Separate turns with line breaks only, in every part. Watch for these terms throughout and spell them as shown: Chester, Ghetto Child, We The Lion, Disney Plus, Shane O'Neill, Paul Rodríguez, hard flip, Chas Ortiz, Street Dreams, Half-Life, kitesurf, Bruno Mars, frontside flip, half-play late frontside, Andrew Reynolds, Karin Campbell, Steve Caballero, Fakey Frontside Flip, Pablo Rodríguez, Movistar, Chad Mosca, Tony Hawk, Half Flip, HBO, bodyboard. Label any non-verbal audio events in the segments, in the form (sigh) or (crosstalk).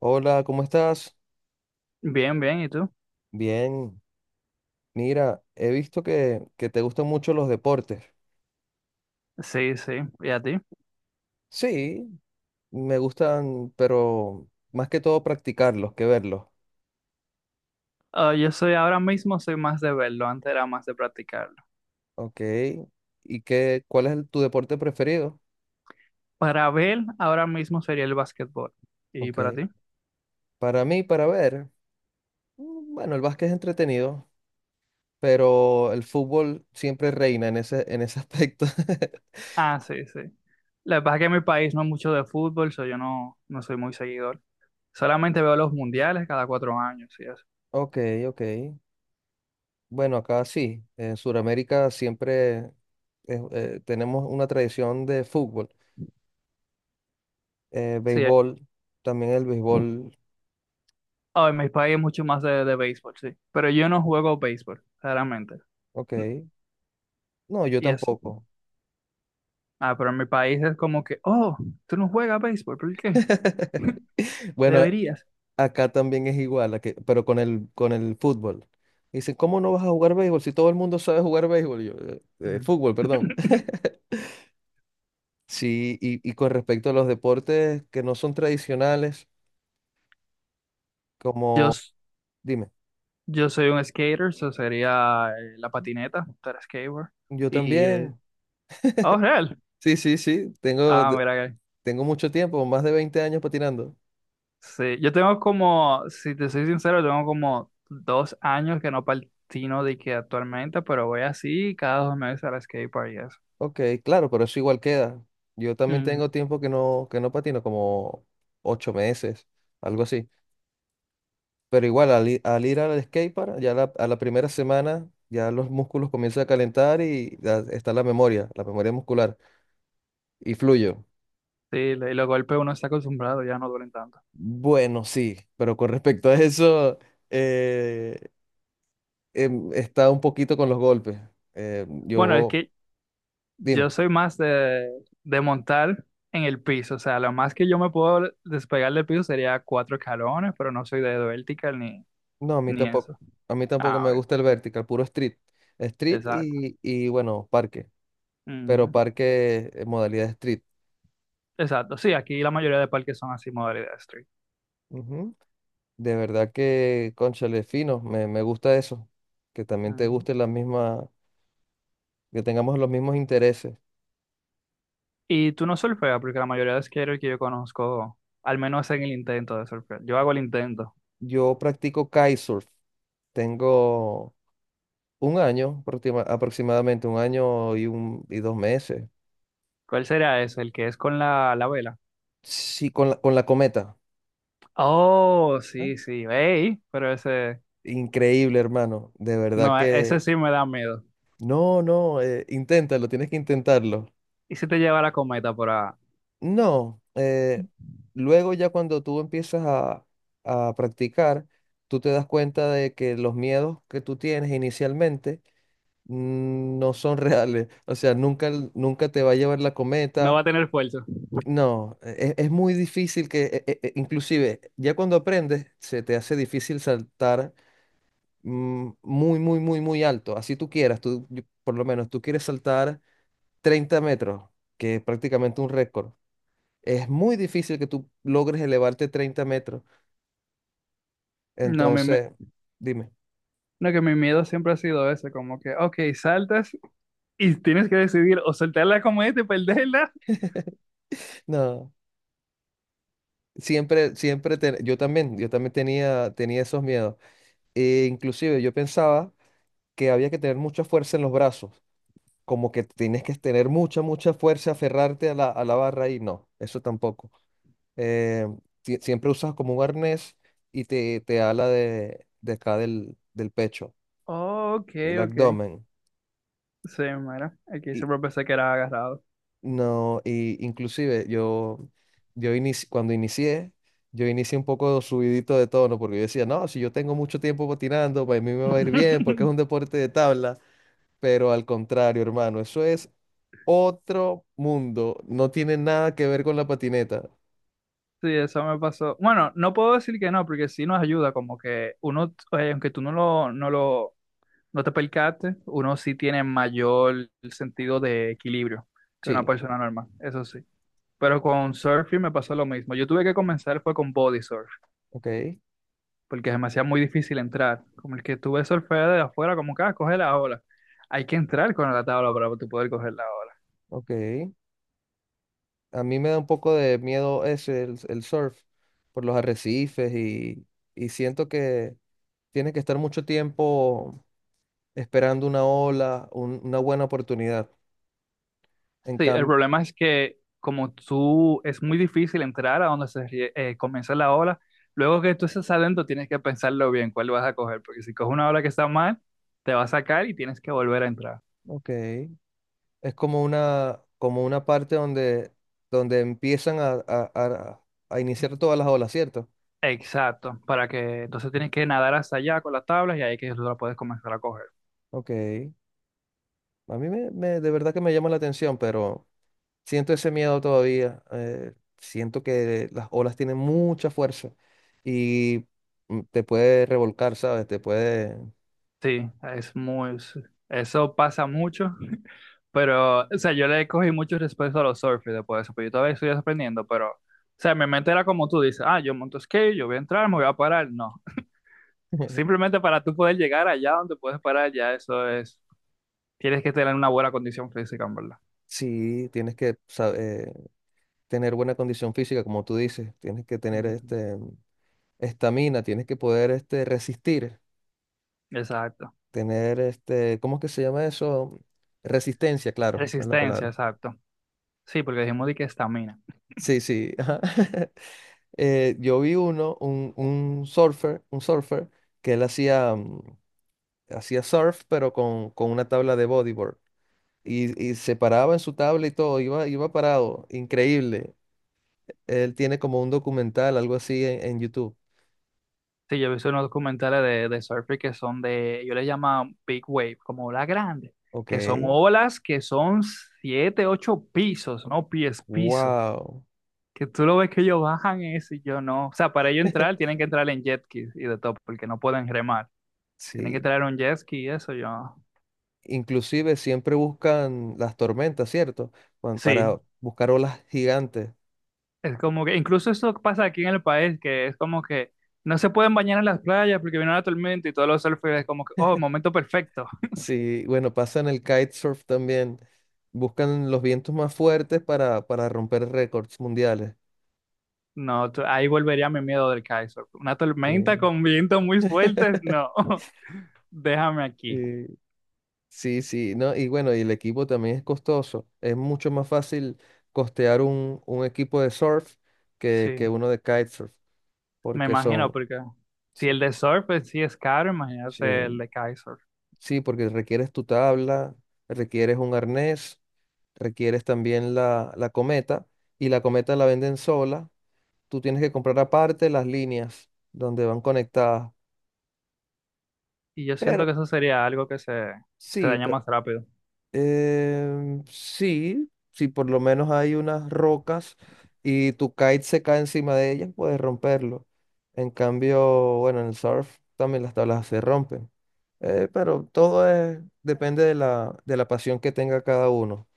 Hola, ¿cómo estás?
Bien, bien, ¿y tú?
Bien, mira, he visto que te gustan mucho los deportes.
Sí, sí, ¿y a ti?
Sí, me gustan, pero más que todo practicarlos que verlos.
Ah, yo soy ahora mismo, soy más de verlo, antes era más de practicarlo.
Ok. ¿Y cuál es tu deporte preferido?
Para ver, ahora mismo sería el básquetbol. ¿Y para
Ok.
ti?
Para mí, para ver, bueno, el básquet es entretenido, pero el fútbol siempre reina en ese aspecto. (laughs)
Ah, sí, sí. Lo que pasa es que en mi país no es mucho de fútbol, so yo no, soy muy seguidor. Solamente veo los mundiales cada 4 años y eso.
Ok, ok. Bueno, acá sí, en Sudamérica siempre tenemos una tradición de fútbol.
Sí.
Béisbol, también el béisbol,
Ah, en mi país es mucho más de béisbol, sí. Pero yo no juego béisbol, claramente. N-
ok. No, yo
Y eso.
tampoco.
Ah, pero en mi país es como que, oh, tú no juegas béisbol, ¿por qué?
(laughs) Bueno,
Deberías.
acá también es igual, pero con el fútbol. Dicen, ¿cómo no vas a jugar béisbol si todo el mundo sabe jugar béisbol? Yo, "Eh, eh,
Ujú.
fútbol, perdón." (laughs)
(laughs)
Sí, y con respecto a los deportes que no son tradicionales,
Yo
como, dime,
Yo soy un skater, eso sería la patineta, estar skateboard.
yo
Y,
también.
oh, real.
Sí, sí, sí, tengo,
Ah, mira que.
tengo mucho tiempo, más de 20 años patinando.
Sí, yo tengo como, si te soy sincero, tengo como 2 años que no patino de que actualmente, pero voy así cada 2 meses al skateboard y eso.
Ok, claro, pero eso igual queda. Yo también tengo
Ujú.
tiempo que no patino, como 8 meses, algo así. Pero igual, al ir al skatepark, ya a la primera semana, ya los músculos comienzan a calentar y ya está la memoria muscular, y fluyo.
Sí, y los golpes uno está acostumbrado, ya no duelen tanto.
Bueno, sí, pero con respecto a eso, eh, está un poquito con los golpes. Eh,
Bueno, es
yo,
que yo
dime,
soy más de, montar en el piso, o sea, lo más que yo me puedo despegar del piso sería cuatro escalones, pero no soy de vertical ni,
no, a mí
ni
tampoco,
eso.
a mí tampoco
Ah,
me
ok.
gusta el vertical, puro street. Street
Exacto.
y bueno, parque. Pero
Ujú.
parque en modalidad street.
Exacto. Sí, aquí la mayoría de parques son así, modalidad street.
Ujú. De verdad que, cónchale, fino, me gusta eso, que también te
Ujú.
guste la misma, que tengamos los mismos intereses.
Y tú no surfeas, porque la mayoría de skaters que yo conozco, al menos hacen el intento de surfear. Yo hago el intento.
Yo practico kitesurf, tengo un año, aproximadamente un año y 2 meses.
¿Cuál será ese? ¿El que es con la vela?
Sí, con la cometa.
Oh,
¿Ah?
sí, sí. Ey, pero ese,
Increíble, hermano, de verdad
no, ese
que.
sí me da miedo.
No, no, inténtalo, tienes que intentarlo.
¿Y si te lleva la cometa por ahí?
No, luego ya cuando tú empiezas a practicar, tú te das cuenta de que los miedos que tú tienes inicialmente no son (laughs) reales. O sea, nunca te va a llevar la
No va
cometa.
a tener fuerza.
No, es, muy difícil que, inclusive, ya cuando aprendes, se te hace difícil saltar muy, muy, muy, muy alto. Así tú quieras, por lo menos tú quieres saltar 30 metros, que es prácticamente un récord. Es muy difícil que tú logres elevarte 30 metros.
No, mi me-
Entonces, dime.
no, que mi miedo siempre ha sido ese, como que, ok, saltas y tienes que decidir o soltar la cometa y perderla.
No, siempre, siempre, yo también tenía esos miedos. E inclusive yo pensaba que había que tener mucha fuerza en los brazos, como que tienes que tener mucha, mucha fuerza, aferrarte a la barra y no, eso tampoco. Eh, Siempre usas como un arnés y te ala de acá del pecho,
Oh, ok,
del
ok.
abdomen.
Sí, mira, aquí siempre pensé que era agarrado.
No, y inclusive cuando inicié, yo inicié un poco subidito de tono porque yo decía, no, si yo tengo mucho tiempo patinando, para mí me va a ir bien porque es un
(laughs)
deporte de tabla, pero al contrario, hermano, eso es otro mundo, no tiene nada que ver con la patineta.
Sí, eso me pasó. Bueno, no puedo decir que no, porque sí nos ayuda, como que uno, aunque tú no lo, no te percates, uno sí tiene mayor sentido de equilibrio que una
Sí,
persona normal, eso sí. Pero con surfing me pasó lo mismo. Yo tuve que comenzar fue con body surf,
ok,
porque se me hacía muy difícil entrar. Como el que tuve surfear de afuera, como que ah, coge la ola. Hay que entrar con la tabla para tú poder coger la ola.
ok. A mí me da un poco de miedo ese, el surf, por los arrecifes y siento que tienes que estar mucho tiempo esperando una ola, una buena oportunidad. En
Sí, el
cambio,
problema es que como tú es muy difícil entrar a donde comienza la ola, luego que tú estás adentro tienes que pensarlo bien cuál vas a coger, porque si coges una ola que está mal, te va a sacar y tienes que volver a entrar.
ok, es como una parte donde, donde empiezan a iniciar todas las olas, ¿cierto?
Exacto, para que entonces tienes que nadar hasta allá con las tablas y ahí que tú la puedes comenzar a coger.
Ok, a mí de verdad que me llama la atención, pero siento ese miedo todavía. Siento que las olas tienen mucha fuerza y te puede revolcar, ¿sabes? Te puede.
Sí, es muy, sí, eso pasa mucho, (laughs) pero, o sea, yo le cogí mucho respeto a los surfers después de eso, pero yo todavía estoy aprendiendo, pero... O sea, mi mente era como tú dices, ah, yo monto skate, yo voy a entrar, me voy a parar. No,
(laughs)
simplemente para tú poder llegar allá donde puedes parar, ya eso es, tienes que tener una buena condición física, en verdad.
Sí, tienes que tener buena condición física, como tú dices. Tienes que tener
Ujú.
este, estamina, tienes que poder este, resistir,
Exacto.
tener, este, ¿cómo es que se llama eso? Resistencia, claro, es la
Resistencia,
palabra.
exacto. Sí, porque dijimos de que estamina.
Sí, sí. Ajá. (laughs) Yo vi uno, un surfer, que él hacía surf, pero con una tabla de bodyboard. Y se paraba en su tabla y todo, iba parado, increíble. Él tiene como un documental, algo así en YouTube.
Sí, yo he visto unos documentales de surfing que son de, yo les llamo big wave, como olas grandes,
Ok,
que son olas que son siete, ocho pisos, no pies, pisos,
wow.
que tú lo ves que ellos bajan eso y yo no. O sea, para ellos entrar
(laughs)
tienen que entrar en jet ski y de todo, porque no pueden remar. Tienen que
Sí,
traer un jet ski y eso yo.
inclusive siempre buscan las tormentas, ¿cierto? Cuan-
Sí,
Para buscar olas gigantes.
es como que, incluso eso pasa aquí en el país, que es como que no se pueden bañar en las playas porque vino la tormenta y todos los surfers es como que, oh, momento perfecto.
Sí, bueno, pasa en el kitesurf también. Buscan los vientos más fuertes para romper récords mundiales.
No, ahí volvería mi miedo del Kaiser. Una tormenta
Sí.
con vientos muy fuertes,
(laughs)
no. (laughs) Déjame aquí.
Y- sí, sí, ¿no? Y bueno, y el equipo también es costoso. Es mucho más fácil costear un equipo de surf que
Sí,
uno de kitesurf,
me
porque
imagino,
son,
porque si
sí,
el de surf pues, sí es caro, imagínate el
sí,
de kitesurf.
sí, porque requieres tu tabla, requieres un arnés, requieres también la cometa y la cometa la venden sola. Tú tienes que comprar aparte las líneas donde van conectadas.
Y yo siento
Pero
que eso sería algo que se
sí,
daña más rápido.
sí, si por lo menos hay unas rocas y tu kite se cae encima de ellas, puedes romperlo. En cambio, bueno, en el surf también las tablas se rompen. Pero todo es, depende de la pasión que tenga cada uno.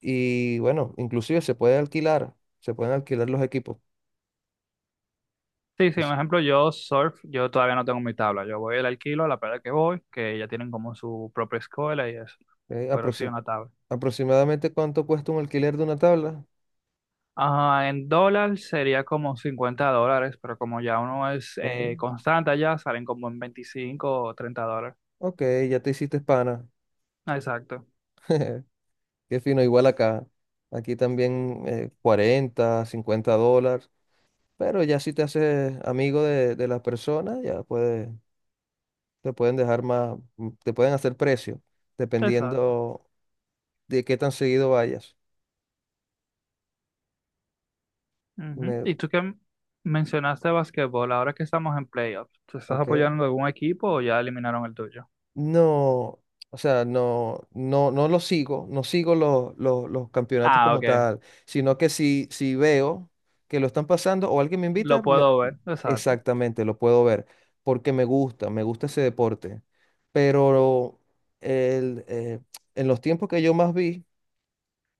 Y bueno, inclusive se puede alquilar, se pueden alquilar los equipos.
Sí, sí, un
Pues,
ejemplo, yo todavía no tengo mi tabla. Yo voy al alquilo, a la playa que voy, que ya tienen como su propia escuela y eso.
eh,
Pero sí,
aproxim-
una tabla.
aproximadamente ¿cuánto cuesta un alquiler de una tabla?
Ajá, en dólar sería como $50, pero como ya uno es
Eh,
constante allá, salen como en $25 o $30.
ok, ya te hiciste pana.
Exacto,
(laughs) Qué fino, igual acá. Aquí también 40, $50. Pero ya si te haces amigo de las personas, ya puede te pueden dejar más, te pueden hacer precio,
exacto.
dependiendo de qué tan seguido vayas.
Ujú.
Me,
Y tú que mencionaste basquetbol, ahora que estamos en playoffs, ¿tú estás
ok.
apoyando algún equipo o ya eliminaron el tuyo?
No, o sea, no, no, no lo sigo, no sigo los campeonatos
Ah,
como
ok,
tal, sino que si veo que lo están pasando o alguien me
lo
invita.
puedo ver, exacto.
Exactamente, lo puedo ver, porque me gusta ese deporte. Pero el, eh, en los tiempos que yo más vi,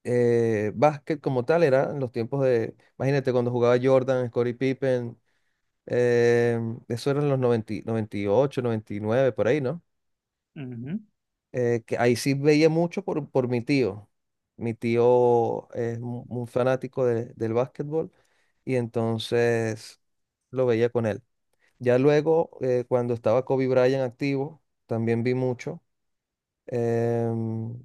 básquet como tal era en los tiempos de, imagínate, cuando jugaba Jordan, Scottie Pippen, eh, eso eran los noventa 98 99 por ahí, ¿no?
Ujú.
Que ahí sí veía mucho por mi tío. Mi tío es un fanático del básquetbol y entonces lo veía con él. Ya luego, cuando estaba Kobe Bryant activo, también vi mucho. em,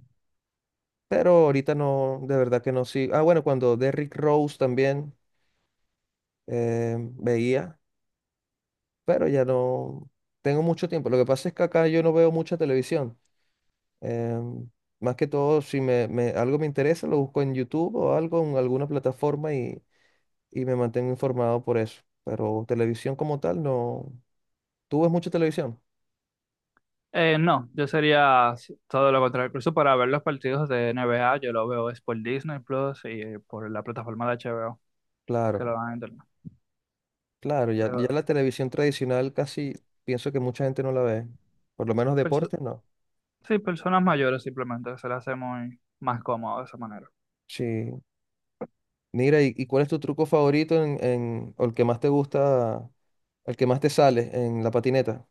pero ahorita no, de verdad que no sí. Ah, bueno, cuando Derrick Rose también veía, pero ya no tengo mucho tiempo. Lo que pasa es que acá yo no veo mucha televisión. Em, más que todo, si algo me interesa, lo busco en YouTube o algo, en alguna plataforma y me mantengo informado por eso. Pero televisión como tal, no. ¿Tú ves mucha televisión?
No, yo sería todo lo contrario, incluso para ver los partidos de NBA, yo lo veo es por Disney Plus y por la plataforma de HBO que lo
Claro,
dan en internet.
claro, ya, ya
Pero...
la televisión tradicional casi pienso que mucha gente no la ve. Por lo menos
perso-
deporte, no.
Sí, personas mayores simplemente se le hace muy más cómodo de esa manera.
Sí. Mira, ¿y cuál es tu truco favorito o el que más te gusta, el que más te sale en la patineta?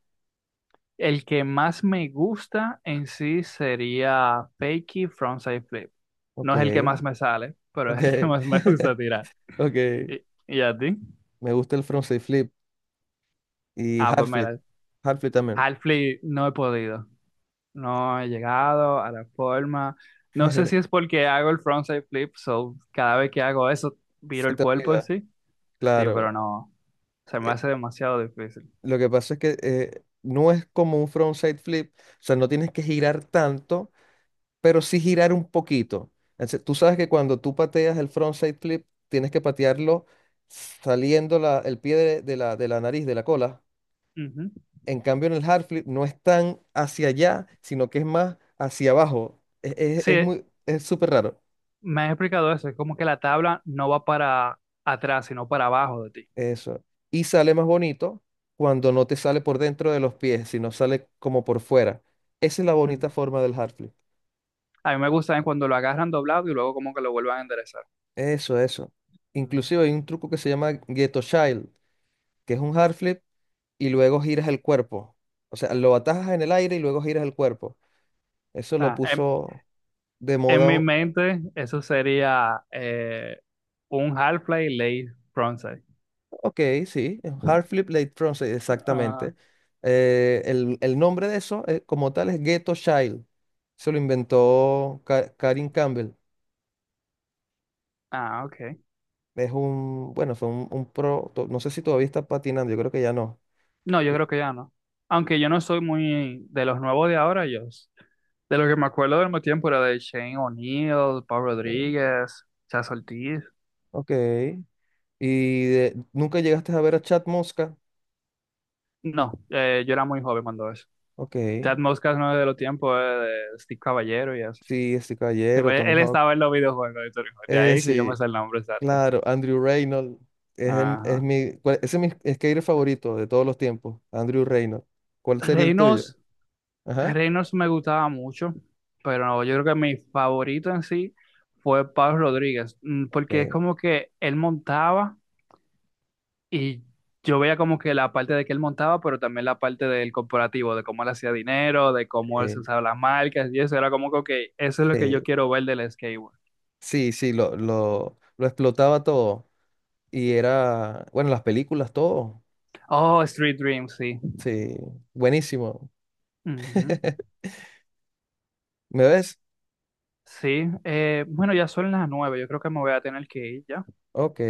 El que más me gusta en sí sería Fakey Frontside Flip.
Ok,
No es el que más me sale, pero es
ok,
el que más me gusta
(laughs)
tirar.
ok.
¿Y, y a ti?
Me gusta el frontside flip. Y
Ah, pues
Half-Life,
mira,
también.
Half Flip no he podido. No he llegado a la forma. No sé si es
(laughs)
porque hago el Frontside Flip, so cada vez que hago eso, viro
Se
el
te
cuerpo en
olvida,
sí. Sí, pero
claro.
no. Se me
Eh,
hace demasiado difícil.
lo que pasa es que no es como un frontside flip, o sea, no tienes que girar tanto, pero sí girar un poquito. Entonces, tú sabes que cuando tú pateas el frontside flip, tienes que patearlo saliendo el pie de la nariz, de la cola.
Ujú.
En cambio, en el hard flip no es tan hacia allá, sino que es más hacia abajo. Es, es-
Sí,
es muy, es súper raro.
me has explicado eso, es como que la tabla no va para atrás, sino para abajo de ti.
Eso. Y sale más bonito cuando no te sale por dentro de los pies, sino sale como por fuera. Esa es la
Mm.
bonita forma del hard flip.
A mí me gusta es cuando lo agarran doblado y luego como que lo vuelvan a enderezar.
Eso, eso.
Mm.
Inclusive hay un truco que se llama Ghetto Child, que es un hard flip y luego giras el cuerpo. O sea, lo atajas en el aire y luego giras el cuerpo.
O
Eso lo
sea, en,
puso de
en
moda.
mi mente eso sería un half-play late frontside.
Ok, sí, es un hard flip late front, sí,
ah,
exactamente. El nombre de eso como tal es Ghetto Child. Se lo inventó Karin Campbell.
ah, ok.
Bueno, fue un pro, no sé si todavía está patinando, yo creo que ya no.
No, yo creo que ya no. Aunque yo no soy muy de los nuevos de ahora, de lo que me acuerdo del mismo tiempo era de Shane O'Neill, Paul Rodríguez, Chas Ortiz.
Ok. ¿Y nunca llegaste a ver a Chad Mosca?
No, yo era muy joven cuando eso.
Ok.
Ted Moscas no es de los tiempos de Steve Caballero y eso.
Sí, este
Sí,
caballero,
pues,
Tony
él
Hawk.
estaba en los videojuegos de Tony Hawk, de ahí que yo me
Sí,
sé el nombre exacto.
claro, Andrew Reynolds. Es, em- es
Ajá.
mi, cuál- ese es mi skater favorito de todos los tiempos, Andrew Reynolds. ¿Cuál sería el tuyo?
Reynolds,
Ajá.
Reynolds me gustaba mucho, pero no, yo creo que mi favorito en sí fue Pablo Rodríguez,
Ok.
porque es como que él montaba y yo veía como que la parte de que él montaba, pero también la parte del corporativo, de cómo él hacía dinero, de cómo él se
Sí,
usaba las marcas y eso, era como que, ok, eso es lo que yo
sí,
quiero ver del skateboard.
sí, sí, lo explotaba todo. Y era, bueno, las películas, todo.
Oh, Street Dreams, sí.
Sí, buenísimo.
Ujú.
(laughs) ¿Me ves?
Sí, bueno, ya son las 9, yo creo que me voy a tener que ir ya.
Ok,